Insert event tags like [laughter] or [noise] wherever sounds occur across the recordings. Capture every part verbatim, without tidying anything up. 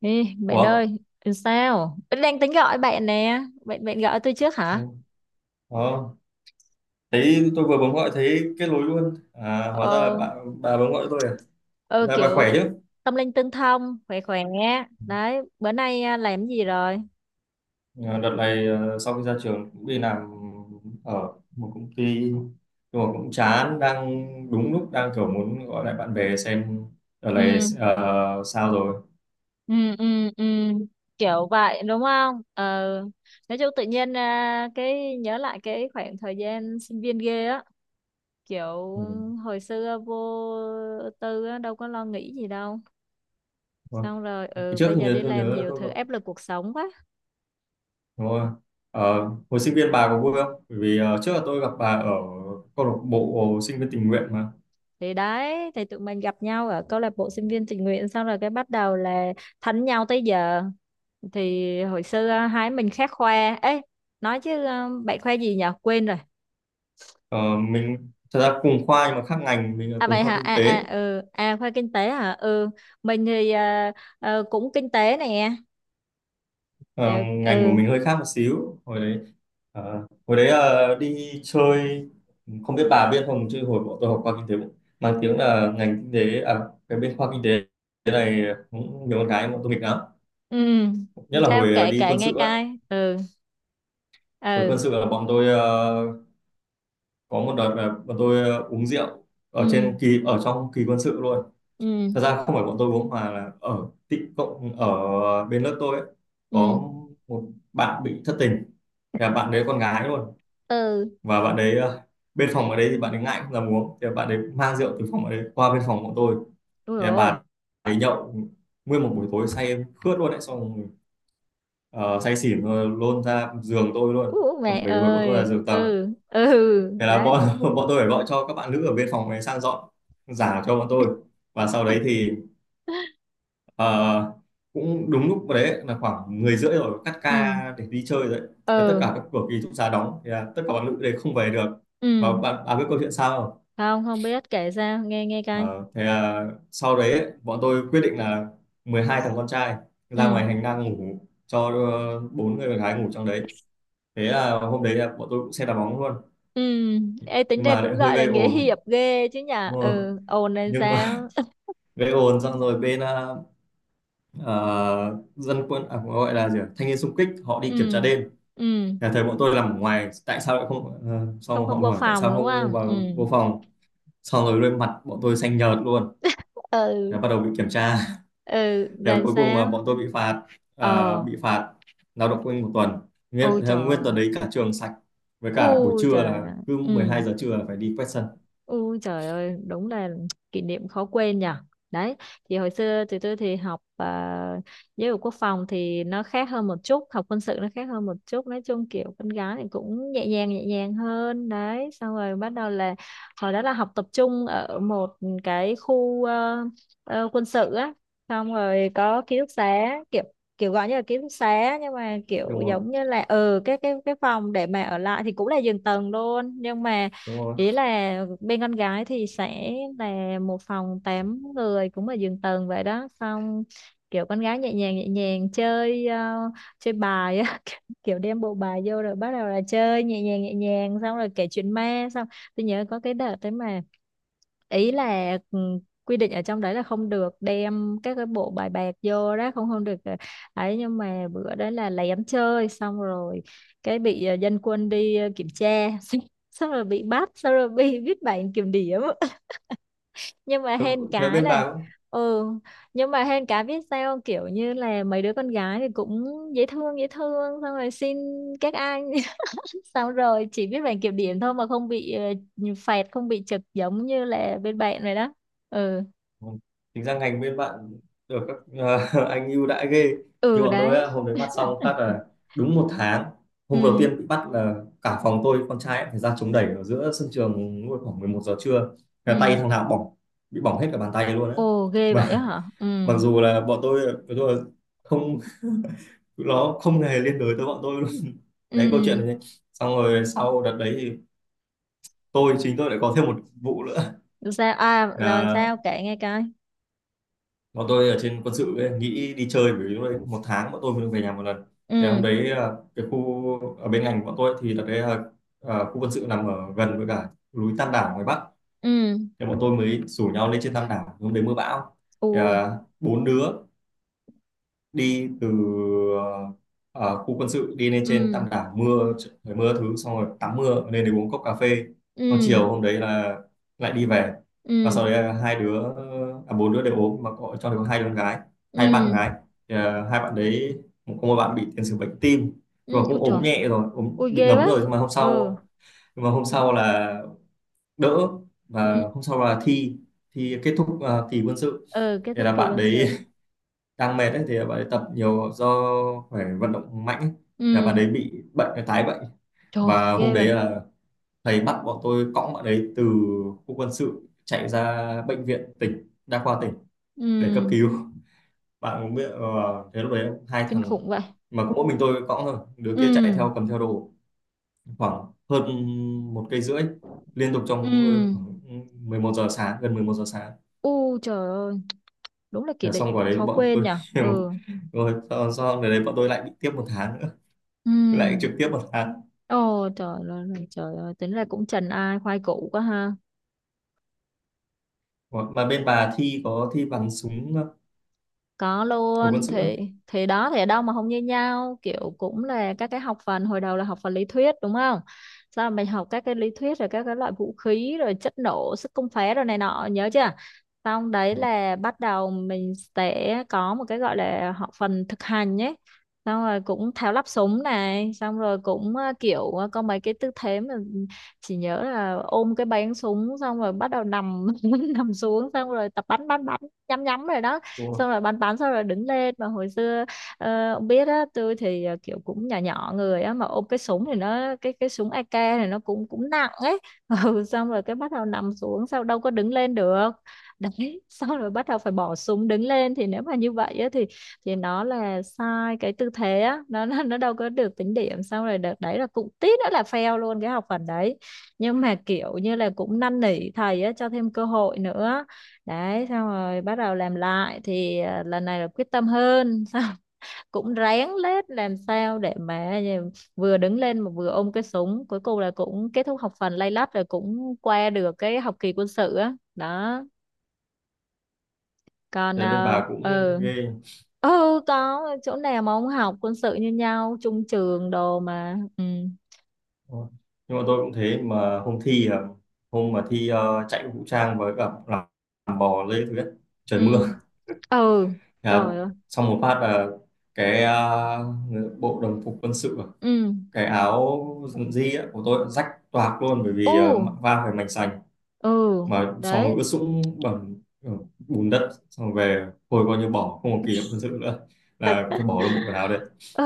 Ê, bạn ơi, Ủa? sao? Vẫn đang tính gọi bạn nè. Bạn bạn gọi tôi trước Ừ. hả? Ờ, thấy tôi vừa bấm gọi thấy kết nối luôn. À, hóa ra là Ờ, bà, bà bấm gọi tôi à? ờ Dạ, bà kiểu khỏe chứ? tâm linh tương thông, khỏe khỏe. Đấy, bữa nay à, làm cái gì rồi? À, đợt này ờ, sau khi ra trường cũng đi làm ở một công ty nhưng mà cũng chán đang đúng lúc đang kiểu muốn gọi lại bạn bè xem đợt này Ừ, ờ, sao rồi. ừ, ừ, ừ. Kiểu vậy đúng không? Ờ, nói chung tự nhiên à, cái nhớ lại cái khoảng thời gian sinh viên ghê á, kiểu Ừ. hồi xưa vô tư á, đâu có lo nghĩ gì đâu. Ờ, Xong rồi cái ừ trước bây giờ như đi tôi làm nhớ là nhiều tôi thứ áp gặp, lực cuộc sống quá. đúng rồi. Ờ, hồi sinh viên bà có vui không? Bởi vì ờ, trước là tôi gặp bà ở câu lạc bộ sinh viên tình nguyện mà. Thì đấy, thì tụi mình gặp nhau ở câu lạc bộ sinh viên tình nguyện, xong rồi cái bắt đầu là thánh nhau tới giờ. Thì hồi xưa à, hai mình khác khoa ấy, nói chứ ờ, bạn khoa gì nhỉ, quên rồi. Ờ, mình thật ra cùng khoa nhưng mà khác ngành, mình là À, vậy cùng khoa hả? kinh À, tế. à, ừ, à khoa kinh tế hả. Ừ, mình thì ờ, ờ, cũng kinh tế nè. Ờ, Ừ, ngành của ừ, mình hơi khác một xíu hồi đấy, ờ, hồi đấy ờ, đi chơi, không biết bà biết không chứ hồi bọn tôi học khoa kinh tế cũng mang tiếng là ngành kinh tế à, cái bên khoa kinh tế thế này cũng nhiều con gái bọn tôi nghịch lắm, ừ, nhất là sao hồi ờ, kể đi kể quân nghe sự á. coi. Ừ, Hồi ừ, quân sự là bọn tôi ờ, có một đợt là bọn tôi ờ, uống rượu ở ừ, trên kỳ, ở trong kỳ quân sự luôn. Thật ra ừ, không phải bọn tôi uống mà là ở tị cộng, ở bên lớp tôi ấy, ừ, có một bạn bị thất tình, thì là bạn đấy con gái luôn, ừ, và bạn đấy ờ, bên phòng ở đấy thì bạn ấy ngại không dám uống, thì là bạn đấy mang rượu từ phòng ở đấy qua bên phòng bọn tôi, đúng thì là rồi. bà ấy nhậu nguyên một buổi tối, say em khướt luôn đấy, xong rồi, ờ, say xỉn rồi lôn ra giường tôi luôn. Ú, Còn mẹ bởi vì bọn tôi là ơi, giường tầng, ừ, ừ, thế là đấy. bọn [laughs] bọn tôi phải gọi cho các bạn nữ ở bên phòng này sang dọn giả cho bọn tôi, và sau đấy thì [laughs] Ờ, cũng đúng lúc đấy là khoảng 10 rưỡi rồi, cắt Ừ, ca để đi chơi rồi đấy. Thế tất ừ, cả các cửa ký túc xá đóng thì là tất cả bạn nữ đấy không về được, ừ, và bạn à, biết câu chuyện sao không? không không biết, kể sao nghe, nghe coi. Ờ, thế là sau đấy ấy, bọn tôi quyết định là mười hai thằng con trai ra Ừ, ngoài hành lang ngủ, cho ờ, bốn người con gái ngủ trong đấy. Thế là hôm đấy là bọn tôi cũng xem đá bóng luôn, ừ, ê tính nhưng ra mà cũng lại hơi gọi là gây nghĩa ồn, hiệp ghê chứ nhở. đúng rồi, Ừ, ồn lên nhưng mà sao. [laughs] gây ồn xong rồi bên ờ, ờ, dân quân à, gọi là gì ạ, thanh niên xung kích họ [laughs] đi kiểm tra Ừ, đêm, ừ, nhà thầy bọn tôi làm ở ngoài tại sao lại không, ờ, không xong họ không vô hỏi tại phòng sao đúng không không. Ừ, vào vô phòng, xong rồi lên mặt bọn tôi xanh nhợt luôn. Thế ừ, bắt đầu bị kiểm tra. [laughs] ừ, Thế là cuối cùng là sao. bọn tôi bị phạt, à, Ờ, bị phạt lao động quên một tuần, nguyên ôi thế trời nguyên tuần ơi. đấy cả trường sạch, với cả buổi Ôi trưa trời là ơi. cứ mười Ừ. hai giờ trưa là phải đi quét sân, Ui trời ơi, đúng là [tsk] kỷ niệm khó quên nhỉ. Đấy, thì hồi xưa tụi tôi thì học à, giáo dục quốc phòng thì nó khác hơn một chút, học quân sự nó khác hơn một chút. Nói chung kiểu con gái thì cũng nhẹ nhàng nhẹ nhàng hơn. Đấy, xong rồi bắt đầu là hồi đó là học tập trung ở một cái khu ờ, ờ, quân sự á. Xong rồi có ký túc xá kiểu kiểu gọi như là ký túc xá nhưng mà kiểu đúng không, giống như là ừ cái cái cái phòng để mà ở lại thì cũng là giường tầng luôn. Nhưng mà đúng không? ý là bên con gái thì sẽ là một phòng tám người cũng ở giường tầng vậy đó. Xong kiểu con gái nhẹ nhàng nhẹ nhàng chơi, ờ, chơi bài á. [laughs] Kiểu đem bộ bài vô rồi bắt đầu là chơi nhẹ nhàng nhẹ nhàng, xong rồi kể chuyện ma. Xong tôi nhớ có cái đợt đấy mà ý là ừ, quy định ở trong đấy là không được đem các cái bộ bài bạc vô đó, không không được ờ, ấy. Nhưng mà bữa đấy là lén chơi, xong rồi cái bị ờ, dân quân đi ờ, kiểm tra. [laughs] Xong, xong rồi bị bắt, xong rồi bị viết bản kiểm điểm. [laughs] Nhưng mà thế, hên thế cái bên này. bà. Ừ, nhưng mà hên cái biết sao không? Kiểu như là mấy đứa con gái thì cũng dễ thương dễ thương, xong rồi xin các anh, xong rồi chỉ biết bảng kiểm điểm thôi mà không bị ờ, phạt, không bị trực giống như là bên bạn rồi đó. Ừ, Vâng. Tính ra ngành bên bạn được các [laughs] anh ưu đãi ghê. Như ừ, bọn tôi á, đấy. hôm đấy bắt xong [laughs] phát là đúng một tháng, hôm đầu Ừ, tiên bị bắt là cả phòng tôi con trai ấy, phải ra chống đẩy ở giữa sân trường lúc khoảng mười một giờ trưa, là ừ, tay thằng nào cũng bỏng, bị bỏng hết cả bàn tay luôn á, ồ ghê vậy á mà hả. Ừ, [laughs] mặc dù là bọn tôi bọn tôi là không, nó không hề liên đới tới bọn tôi luôn. Đấy câu ừ, chuyện này. Xong rồi sau đợt đấy thì tôi, chính tôi lại có thêm một vụ nữa, sao à, rồi sao là kể nghe coi. bọn tôi ở trên quân sự ấy, nghĩ đi chơi, bởi vì lúc đấy một tháng bọn tôi mới được về nhà một lần. Thì hôm Ừ, đấy à, cái khu ở bên ngành của bọn tôi thì là cái à, à, khu quân sự nằm ở gần với cả núi Tam Đảo ngoài Bắc, ừ, thì bọn tôi mới rủ nhau lên trên Tam Đảo, hôm đấy mưa bão, thì, ui, à, bốn đứa đi từ ờ, ờ, khu quân sự đi lên trên ừ, Tam Đảo mưa, trời mưa thứ, xong rồi tắm mưa lên để uống cốc cà phê, còn ừ, chiều hôm đấy là lại đi về, và ừ, sau đấy là hai đứa, à, bốn đứa đều ốm, mà có trong đó có hai đứa con gái, hai ừ, bạn gái. Thì, à, hai bạn đấy có một bạn bị tiền sử bệnh tim, ừ, nhưng mà ui cũng ốm trời, nhẹ rồi, ốm ui bị ghê ngấm rồi, vậy. nhưng mà hôm Ừ, sau, nhưng mà hôm sau là đỡ, và ừ, hôm sau là thi, thi kết thúc uh, kỳ quân sự, ừ, kết thì thúc là kỳ bạn quân sự. đấy đang mệt ấy, thì bạn ấy tập nhiều do phải vận động mạnh ấy. Thì bạn Ừ, ấy bị bệnh, cái tái bệnh, trời, và hôm ghê đấy vậy. là thầy bắt bọn tôi cõng bạn ấy từ khu quân sự chạy ra bệnh viện tỉnh, đa khoa tỉnh, để cấp Ừ, cứu. Bạn cũng biết ờ, thế lúc đấy hai kinh thằng khủng vậy. mà có mỗi mình tôi cõng thôi, đứa Ừ, kia chạy theo cầm theo đồ, khoảng hơn một cây rưỡi liên tục, trong ừ, khoảng mười một giờ sáng, gần mười một giờ sáng. U trời ơi, đúng là Thế kỷ là lị xong quả đấy khó bọn quên tôi nhỉ. [laughs] Ừ. rồi sau, sau đấy bọn tôi lại bị tiếp một tháng nữa, lại trực Ừ. tiếp một phát. Ồ trời ơi, trời ơi, tính là cũng trần ai khoai củ quá ha. Ủa, mà bên bà thi có thi bắn súng Có hồi quân luôn sự á? thì thì đó thì ở đâu mà không như nhau, kiểu cũng là các cái học phần hồi đầu là học phần lý thuyết đúng không. Sau mình học các cái lý thuyết rồi các cái loại vũ khí rồi chất nổ sức công phá rồi này nọ nhớ chưa. Xong đấy Ủa, là bắt đầu mình sẽ có một cái gọi là học phần thực hành nhé. Xong rồi cũng tháo lắp súng này, xong rồi cũng ờ, kiểu ờ, có mấy cái tư thế mà chỉ nhớ là ôm cái báng súng, xong rồi bắt đầu nằm [laughs] nằm xuống, xong rồi tập bắn bắn bắn, nhắm nhắm rồi đó. đúng rồi. Xong rồi bàn tán, xong rồi đứng lên. Mà hồi xưa ờ, ông biết á, tôi thì ờ, kiểu cũng nhỏ nhỏ người á, mà ôm cái súng thì nó cái cái súng a ca này nó cũng cũng nặng ấy. [laughs] Ừ, xong rồi cái bắt đầu nằm xuống sao đâu có đứng lên được. Đấy, [laughs] xong rồi bắt đầu phải bỏ súng đứng lên thì nếu mà như vậy á thì thì nó là sai cái tư thế á, nó nó nó đâu có được tính điểm. Xong rồi đợt đấy là cũng tí nữa là fail luôn cái học phần đấy, nhưng mà kiểu như là cũng năn nỉ thầy á cho thêm cơ hội nữa. Đấy, xong rồi bắt đầu làm lại thì à, lần này là quyết tâm hơn. Xong [laughs] cũng ráng lết làm sao để mà vừa đứng lên mà vừa ôm cái súng, cuối cùng là cũng kết thúc học phần lay lắt, rồi cũng qua được cái học kỳ quân sự á đó. Còn Thế bên ờ, bà cũng ừ, ghê. ừ, có chỗ nào mà ông học quân sự như nhau chung trường đồ mà. Ừ, Đúng, nhưng mà tôi cũng thế, mà hôm thi à, hôm mà thi ờ, chạy vũ trang với cả làm, làm bò lê thứ nhất, trời ừ, mưa, ừ, à, trời ơi, xong một phát là cái ờ, bộ đồng phục quân sự, à, ừ, cái áo dân di á, của tôi rách toạc luôn, bởi vì ờ, u, va phải mảnh sành, ừ, mà xong rồi ướt đấy, sũng bẩn, ờ, bùn đất, xong rồi về, hồi coi như bỏ, không có kỷ niệm quân sự nữa, là phải bỏ luôn bộ quần áo đấy, ừ.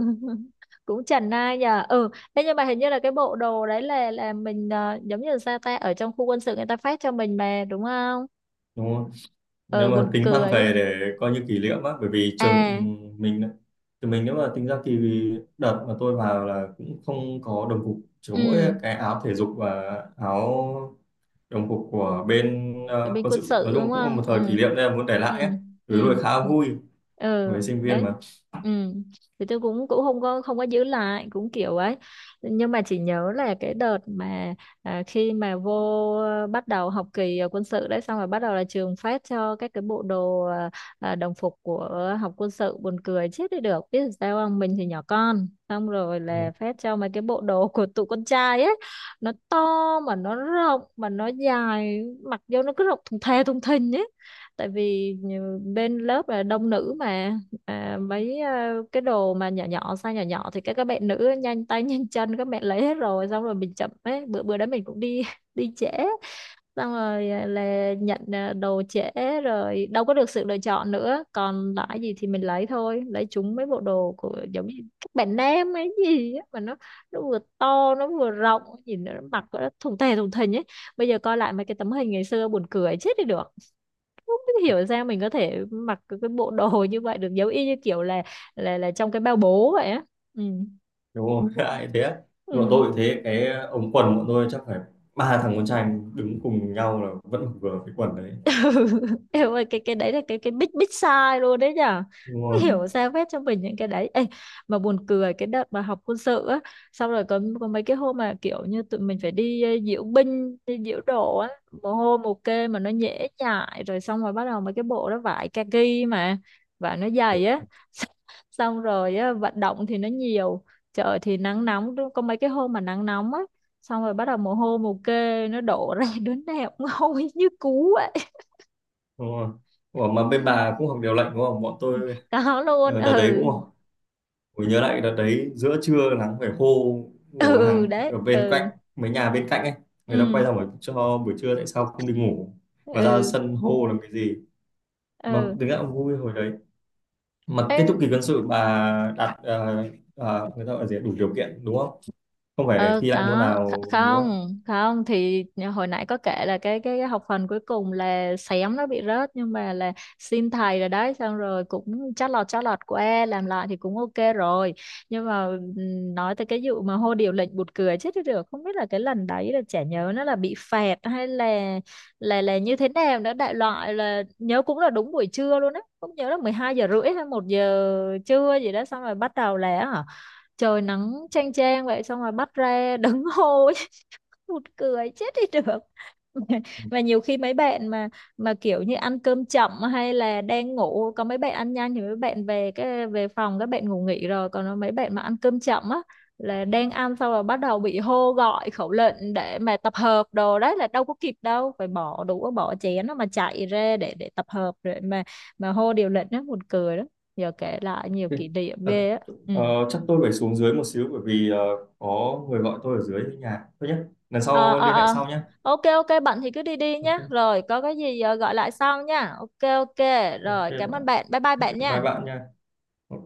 [laughs] Cũng chần ai nhờ. Ừ, thế nhưng mà hình như là cái bộ đồ đấy là là mình ờ, giống như là sao ta ở trong khu quân sự người ta phát cho mình mà đúng không. đúng không? Nếu Ừ, mà buồn tính mang cười á. về để coi như kỷ niệm á, bởi vì trường, À, ừm, mình thì mình nếu mà tính ra thì đợt mà tôi vào là cũng không có đồng phục, chỉ có mỗi ừ, cái áo thể dục và áo đồng phục của bên rồi ờ, bên quân quân sự, nói sự đúng chung cũng là một không? Ừ. thời kỷ niệm nên là muốn để Ừ. lại ấy. Ừ. Ừ, lúc ấy khá Ừ. vui Ừ, với sinh viên đấy, mà, ừ, thì tôi cũng cũng không có không có giữ lại cũng kiểu ấy. Nhưng mà chỉ nhớ là cái đợt mà à, khi mà vô ờ, bắt đầu học kỳ ở quân sự đấy, xong rồi bắt đầu là trường phát cho các cái bộ đồ à, à, đồng phục của học quân sự, buồn cười chết đi được biết sao không. Mình thì nhỏ con, xong rồi là phát cho mấy cái bộ đồ của tụi con trai ấy, nó to mà nó rộng mà nó dài, mặc vô nó cứ rộng thùng thè thùng thình ấy. Tại vì bên lớp là đông nữ mà, à, mấy à, cái đồ mà nhỏ nhỏ size nhỏ nhỏ thì các các bạn nữ nhanh tay nhanh chân các bạn lấy hết rồi. Xong rồi mình chậm ấy, bữa bữa đó mình cũng đi [laughs] đi trễ, xong rồi à, là nhận à, đồ trễ, rồi đâu có được sự lựa chọn nữa, còn lại gì thì mình lấy thôi, lấy chúng mấy bộ đồ của giống như các bạn nam ấy gì á, mà nó nó vừa to nó vừa rộng, nhìn nó mặc nó thùng tè thùng thình ấy. Bây giờ coi lại mấy cái tấm hình ngày xưa buồn cười chết đi được, không biết hiểu sao mình có thể mặc cái cái bộ đồ [laughs] như vậy được, giống y như kiểu là là là trong cái bao bố vậy á. Ừ, đúng không? [laughs] Ai thế ừ. bọn tôi cũng thế, cái ống quần bọn tôi chắc phải ba thằng con trai đứng cùng nhau là vẫn vừa cái quần đấy, [laughs] Em ơi cái cái đấy là cái cái big big sai luôn đấy nhở, đúng không hiểu không? sao phép cho mình những cái đấy. Ê, mà buồn cười cái đợt mà học quân sự á, xong rồi có có mấy cái hôm mà kiểu như tụi mình phải đi ờ, diễu binh đi diễu độ á, mồ hôi mồ kê mà nó nhễ nhại rồi. Xong rồi bắt đầu mấy cái bộ đó vải kaki mà và nó dày á. [laughs] Xong rồi á, vận động thì nó nhiều, trời thì nắng nóng, có mấy cái hôm mà nắng nóng á, xong rồi bắt đầu mồ hôi mồ kê nó đổ ra [laughs] đứa nào cũng hôi như cú ấy. Đúng không? Ủa mà bên bà cũng học điều lệnh đúng không, bọn tôi Có luôn, ờ, đợt đấy ừ, cũng học. Tôi nhớ lại đợt đấy giữa trưa nắng phải hô, của ừ, hàng đấy, ở bên ừ, cạnh, mấy nhà bên cạnh ấy, người ta quay ừ, ra hỏi cho buổi trưa tại sao không đi ngủ mà ra ừ, sân hô làm cái gì, mà ừ, thực ra cũng vui hồi đấy. Mà Ê, kết thúc kỳ quân sự bà đạt, ờ, ờ, người ta gọi là gì ạ, đủ điều kiện đúng không, không phải ờ thi lại môn có nào Kh- đúng không? không không thì hồi nãy có kể là cái cái, cái học phần cuối cùng là xém nó bị rớt, nhưng mà là xin thầy rồi đấy, xong rồi cũng chót lọt chót lọt qua làm lại thì cũng ok rồi. Nhưng mà ừm, nói tới cái vụ mà hô điều lệnh bụt cười chết đi được, không biết là cái lần đấy là chả nhớ nó là bị phạt hay là là là như thế nào nữa. Đại loại là nhớ cũng là đúng buổi trưa luôn á, cũng nhớ là mười hai giờ rưỡi hay một giờ trưa gì đó, xong rồi bắt đầu là hả trời nắng chang chang vậy, xong rồi bắt ra đứng hô. [laughs] Một cười chết đi được. [laughs] Và nhiều khi mấy bạn mà mà kiểu như ăn cơm chậm hay là đang ngủ, có mấy bạn ăn nhanh thì mấy bạn về cái về phòng các bạn ngủ nghỉ rồi, còn mấy bạn mà ăn cơm chậm á là đang ăn, xong rồi bắt đầu bị hô gọi khẩu lệnh để mà tập hợp đồ, đấy là đâu có kịp đâu, phải bỏ đũa bỏ chén nó mà chạy ra để để tập hợp rồi mà mà hô điều lệnh đó buồn cười lắm. Giờ kể lại nhiều Thế- kỷ niệm À, ghê á. Ừ, ờ, chắc tôi phải xuống dưới một xíu, bởi vì ờ, có người gọi tôi ở dưới nhà thôi nhé. Lần ờ, sau ờ, liên hệ ờ, sau nhé. ok ok, bận thì cứ đi đi nhé, Ok, rồi có cái gì ờ, gọi lại sau nha, ok ok, ok rồi cảm ơn bạn, bạn, bye bye ok, bạn bye nha. bạn nha. Ok.